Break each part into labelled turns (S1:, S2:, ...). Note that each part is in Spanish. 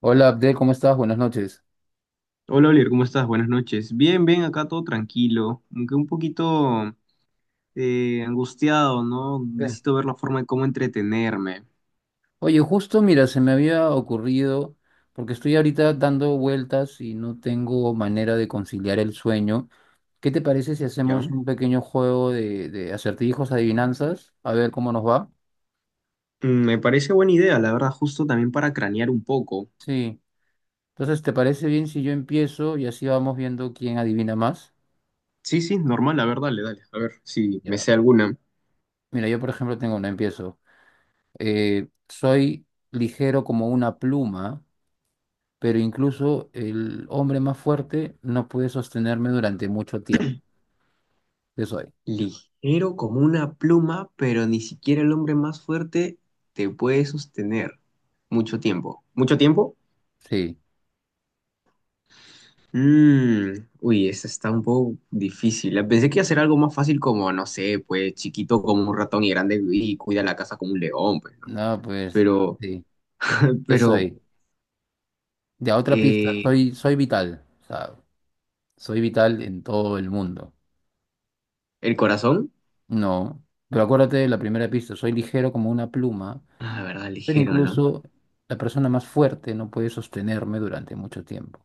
S1: Hola Abdel, ¿cómo estás? Buenas noches.
S2: Hola Oliver, ¿cómo estás? Buenas noches. Bien, bien, acá todo tranquilo, aunque un poquito angustiado, ¿no?
S1: Bien.
S2: Necesito ver la forma de cómo entretenerme,
S1: Oye, justo mira, se me había ocurrido, porque estoy ahorita dando vueltas y no tengo manera de conciliar el sueño. ¿Qué te parece si hacemos
S2: ¿ya?
S1: un pequeño juego de acertijos, adivinanzas? A ver cómo nos va.
S2: Me parece buena idea, la verdad, justo también para cranear un poco.
S1: Sí. Entonces, ¿te parece bien si yo empiezo y así vamos viendo quién adivina más?
S2: Sí, sí, normal, la verdad. Dale, dale, a ver si me
S1: Ya.
S2: sé alguna.
S1: Mira, yo por ejemplo tengo una, empiezo. Soy ligero como una pluma, pero incluso el hombre más fuerte no puede sostenerme durante mucho tiempo. ¿Qué soy?
S2: Ligero como una pluma, pero ni siquiera el hombre más fuerte te puede sostener. Mucho tiempo. ¿Mucho tiempo?
S1: Sí,
S2: Mm, uy, esa está un poco difícil. Pensé que iba a ser algo más fácil como, no sé, pues chiquito como un ratón y grande y cuida la casa como un león, pues, ¿no?
S1: no, pues
S2: Pero,
S1: sí, ¿qué
S2: pero,
S1: soy? Ya, otra pista,
S2: eh,
S1: soy, soy vital, o sea, soy vital en todo el mundo.
S2: el corazón,
S1: No, pero acuérdate de la primera pista, soy ligero como una pluma,
S2: ah, la verdad,
S1: pero
S2: ligero, ¿no?
S1: incluso la persona más fuerte no puede sostenerme durante mucho tiempo.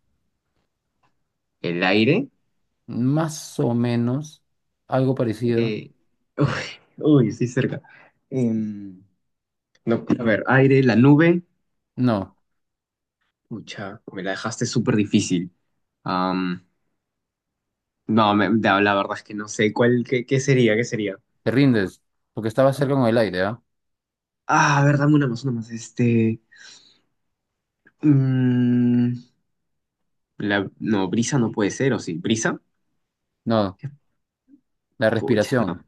S2: El aire,
S1: Más o menos, algo parecido.
S2: eh, uy, uy, estoy cerca. Em, no, a ver, aire, la nube,
S1: No,
S2: mucha, me la dejaste súper difícil. Am, no, la verdad es que no sé cuál, qué, qué sería, qué sería.
S1: te rindes, porque estaba cerca con el aire, ¿ah?
S2: Ah, a ver, dame una más, este... Mm, la, no, brisa no puede ser, ¿o sí? ¿Brisa?
S1: No, la
S2: Pucha, no.
S1: respiración.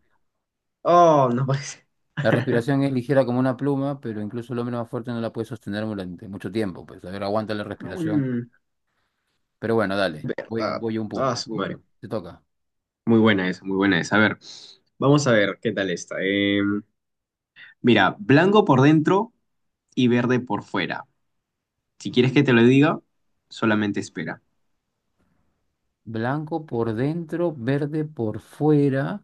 S2: Oh, no puede ser.
S1: La respiración es ligera como una pluma, pero incluso el hombre más fuerte no la puede sostener durante mucho tiempo. Pues, a ver, aguanta la respiración.
S2: Mm,
S1: Pero bueno, dale, voy,
S2: ah,
S1: voy a un
S2: ah,
S1: punto.
S2: su
S1: Tú, a
S2: madre.
S1: ver, te toca.
S2: Muy buena esa, muy buena esa. A ver, vamos a ver qué tal esta. Mira, blanco por dentro y verde por fuera. Si quieres que te lo diga, solamente espera.
S1: Blanco por dentro, verde por fuera.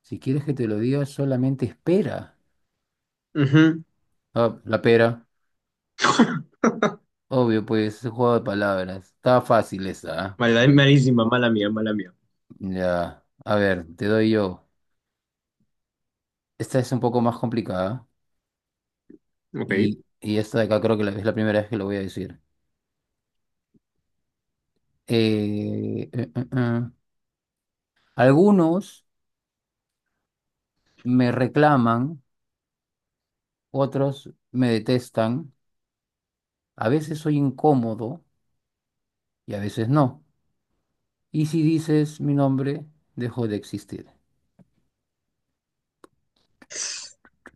S1: Si quieres que te lo diga, solamente espera.
S2: Ujú.
S1: Ah, la pera. Obvio, pues, es un juego de palabras. Está fácil esa, ¿ah?
S2: Mala,
S1: Bueno,
S2: malísima, mala mía, mala mía.
S1: ya, a ver, te doy yo. Esta es un poco más complicada. Y,
S2: Ok.
S1: y esta de acá creo que es la primera vez que lo voy a decir. Eh, eh, eh, eh. Algunos me reclaman, otros me detestan, a veces soy incómodo y a veces no. Y si dices mi nombre, dejo de existir.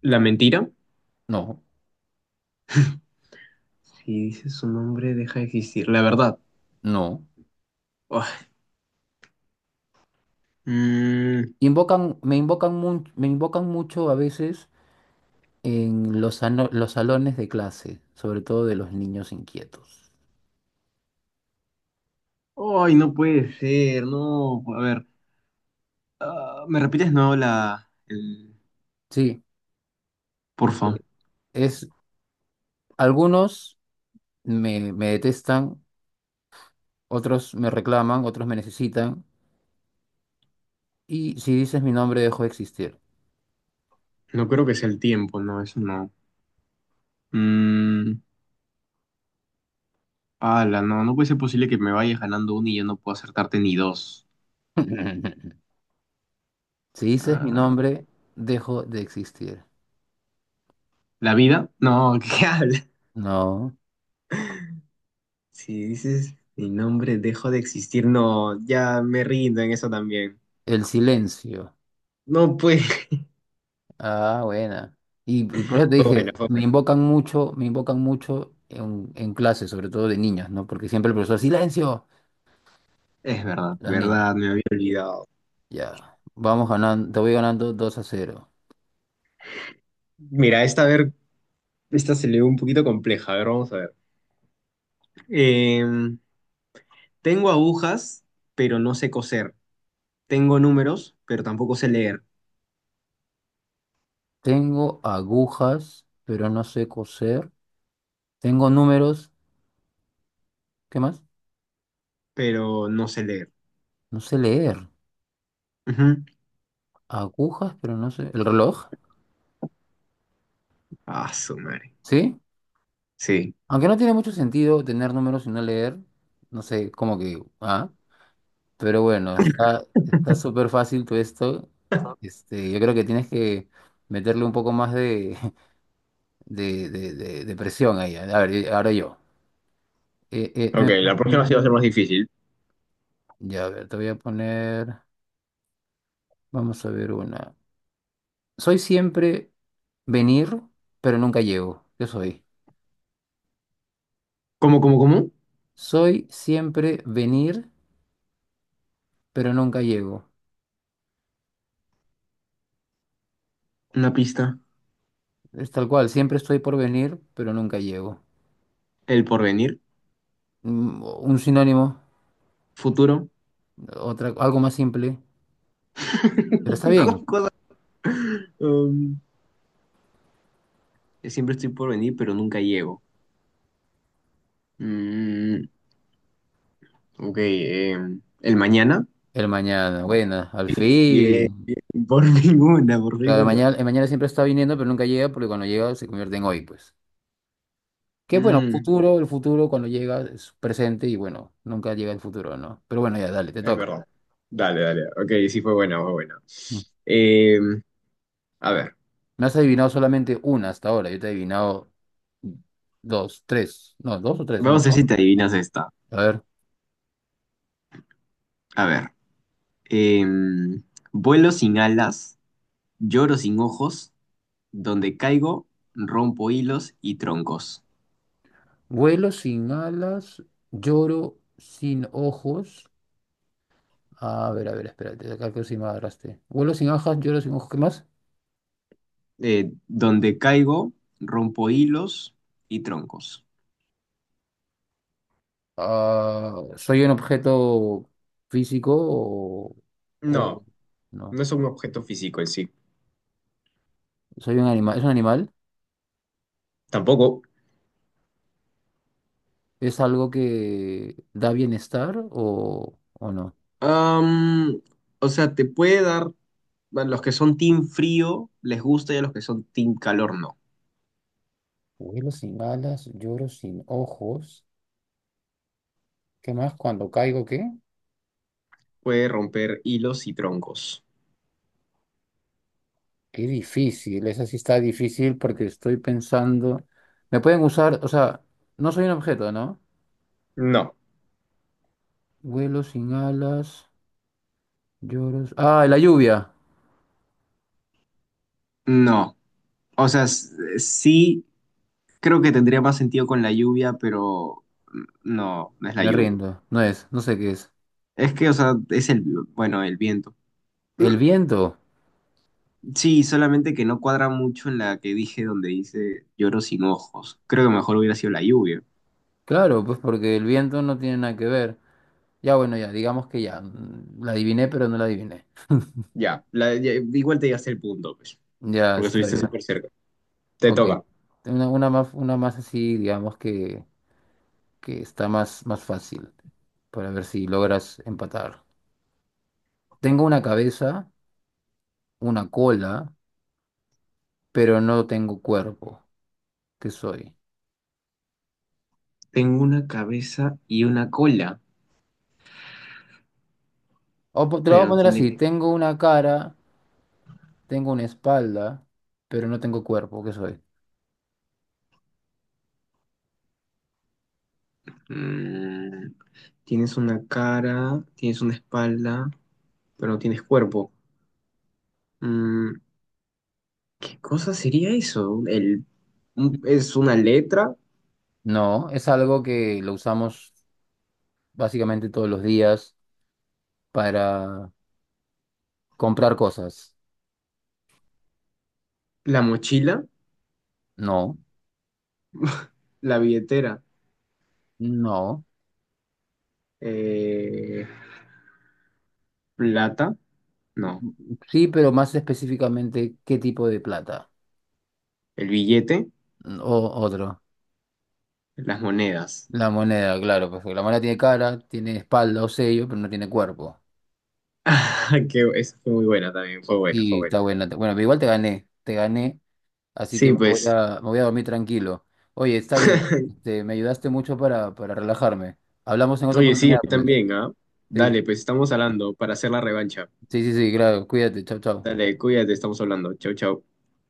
S2: La mentira.
S1: No,
S2: Si dices su nombre, deja de existir. La verdad.
S1: no.
S2: Oh. Mm,
S1: Invocan, me invocan, me invocan mucho a veces en los, los salones de clase, sobre todo de los niños inquietos.
S2: ay, no puede ser, no. A ver, ¿me repites no la, el,
S1: Sí,
S2: porfa?
S1: eh, es, algunos me, me detestan, otros me reclaman, otros me necesitan. Y si dices mi nombre, dejo de existir.
S2: No creo que sea el tiempo, no, eso no. Mm, ala, no, no puede ser posible que me vayas ganando uno y yo no puedo acertarte ni dos.
S1: Si dices mi
S2: Ah,
S1: nombre, dejo de existir.
S2: ¿la vida? No, ¿qué habla?
S1: No.
S2: Si dices mi nombre, dejo de existir. No, ya me rindo en eso también.
S1: El silencio.
S2: No puede.
S1: Ah, buena. Y por eso te
S2: Fue bueno,
S1: dije,
S2: fue bueno.
S1: me invocan mucho en clase, sobre todo de niñas, ¿no? Porque siempre el profesor, silencio,
S2: Es verdad,
S1: las niñas.
S2: verdad, me había olvidado.
S1: Ya, vamos ganando, te voy ganando 2 a cero.
S2: Mira, esta a ver, esta se le ve un poquito compleja. A ver, vamos a ver. Eh, Tengo agujas, pero no sé coser. Tengo números, pero tampoco sé leer.
S1: Tengo agujas, pero no sé coser. Tengo números, ¿qué más?
S2: Pero no sé leer.
S1: No sé leer.
S2: Ujú.
S1: Agujas, pero no sé. ¿El reloj?
S2: Ah, su madre.
S1: ¿Sí?
S2: Sí.
S1: Aunque no tiene mucho sentido tener números y no leer, no sé, como que, ah, pero bueno, está súper fácil todo esto. Este, yo creo que tienes que meterle un poco más de, de presión ahí. A ver, y ahora yo. Eh, eh,
S2: Ok,
S1: eh,
S2: la próxima sí va a ser
S1: mm,
S2: más difícil.
S1: ya, a ver, te voy a poner, vamos a ver una. Soy siempre venir, pero nunca llego. ¿Qué soy?
S2: ¿Cómo, cómo, cómo?
S1: Soy siempre venir, pero nunca llego.
S2: Una pista.
S1: Es tal cual, siempre estoy por venir, pero nunca llego.
S2: El porvenir.
S1: Un sinónimo,
S2: Futuro.
S1: otra, algo más simple, pero está bien.
S2: Cosa- um, yo siempre estoy por venir, pero nunca llego. Mm, ok. El mañana.
S1: El mañana,
S2: No.
S1: bueno, al
S2: Bien,
S1: fin.
S2: bien. Por ninguna, por
S1: Claro,
S2: ninguna.
S1: el mañana siempre está viniendo, pero nunca llega porque cuando llega se convierte en hoy, pues. Que bueno,
S2: Mm,
S1: futuro, el futuro cuando llega es presente y bueno, nunca llega el futuro, ¿no? Pero bueno, ya, dale, te
S2: Es
S1: toca.
S2: verdad. Dale, dale. Ok, sí fue buena, fue buena.
S1: Mm.
S2: Eh, a ver,
S1: Me has adivinado solamente una hasta ahora, yo te he adivinado dos, tres, no, dos o tres, no me
S2: vamos a ver
S1: acuerdo.
S2: si te adivinas esta.
S1: A ver,
S2: A ver. eh, vuelo sin alas, lloro sin ojos, donde caigo, rompo hilos y troncos.
S1: vuelo sin alas, lloro sin ojos. A ver, espérate, acá que sin agarraste. Vuelo sin ajas, lloro sin ojos, ¿qué más?
S2: Donde caigo, rompo hilos y troncos.
S1: Ah, ¿soy un objeto físico o
S2: No,
S1: no?
S2: no es un objeto físico en sí.
S1: ¿Soy un animal? ¿Es un animal?
S2: Tampoco.
S1: ¿Es algo que da bienestar o no?
S2: Am, o sea, te puede dar, a los que son team frío les gusta y a los que son team calor no.
S1: Vuelo sin alas, lloro sin ojos. ¿Qué más? Cuando caigo, ¿qué?
S2: Puede romper hilos y troncos.
S1: Qué difícil, esa sí está difícil porque estoy pensando. Me pueden usar, o sea, no soy un objeto, ¿no?
S2: No.
S1: Vuelo sin alas. Lloros. Ah, la lluvia.
S2: No, o sea, sí creo que tendría más sentido con la lluvia, pero no, no es la
S1: Me
S2: lluvia.
S1: rindo. No es, no sé qué es.
S2: Es que, o sea, es el, bueno, el viento.
S1: El viento.
S2: Sí, solamente que no cuadra mucho en la que dije donde dice lloro sin ojos. Creo que mejor hubiera sido la lluvia.
S1: Claro, pues porque el viento no tiene nada que ver. Ya, bueno, ya, digamos que ya. La adiviné, pero no la adiviné.
S2: Ya, ya, igual te llegaste el punto, pues,
S1: Ya,
S2: porque
S1: está
S2: estuviste ya,
S1: bien.
S2: súper cerca. Te
S1: Ok.
S2: toca.
S1: Una más, una más así, digamos que está más, más fácil. Para ver si logras empatar. Tengo una cabeza, una cola, pero no tengo cuerpo. ¿Qué soy?
S2: Tengo una cabeza y una cola,
S1: Te lo voy
S2: pero
S1: a
S2: no
S1: poner
S2: tiene.
S1: así. Tengo una cara. Tengo una espalda, pero no tengo cuerpo, ¿qué soy?
S2: Mm, tienes una cara, tienes una espalda, pero no tienes cuerpo. Mm, ¿Qué cosa sería eso? El, es una letra,
S1: No, es algo que lo usamos básicamente todos los días para comprar cosas.
S2: la mochila,
S1: No,
S2: la billetera,
S1: no.
S2: eh, plata,
S1: Mm,
S2: no,
S1: mm, sí, pero más específicamente, ¿qué tipo de plata?
S2: el billete,
S1: Mm, o otro.
S2: las monedas.
S1: La moneda, claro, pues porque la moneda tiene cara, tiene espalda o sello, pero no tiene cuerpo.
S2: Que esa fue muy buena también, fue buena, fue
S1: Sí, está
S2: buena.
S1: buena. Bueno, pero igual te gané. Te gané. Así que
S2: Sí, pues,
S1: me voy a dormir tranquilo. Oye, está bien. Este, me ayudaste mucho para relajarme. Hablamos en otra
S2: oye, sí, a
S1: oportunidad,
S2: mí
S1: pues.
S2: también, ¿ah?
S1: Sí,
S2: Dale, pues estamos hablando para hacer la revancha.
S1: sí, sí, sí, claro. Cuídate. Chao, chao.
S2: Dale, cuídate, estamos hablando. Chau, chau.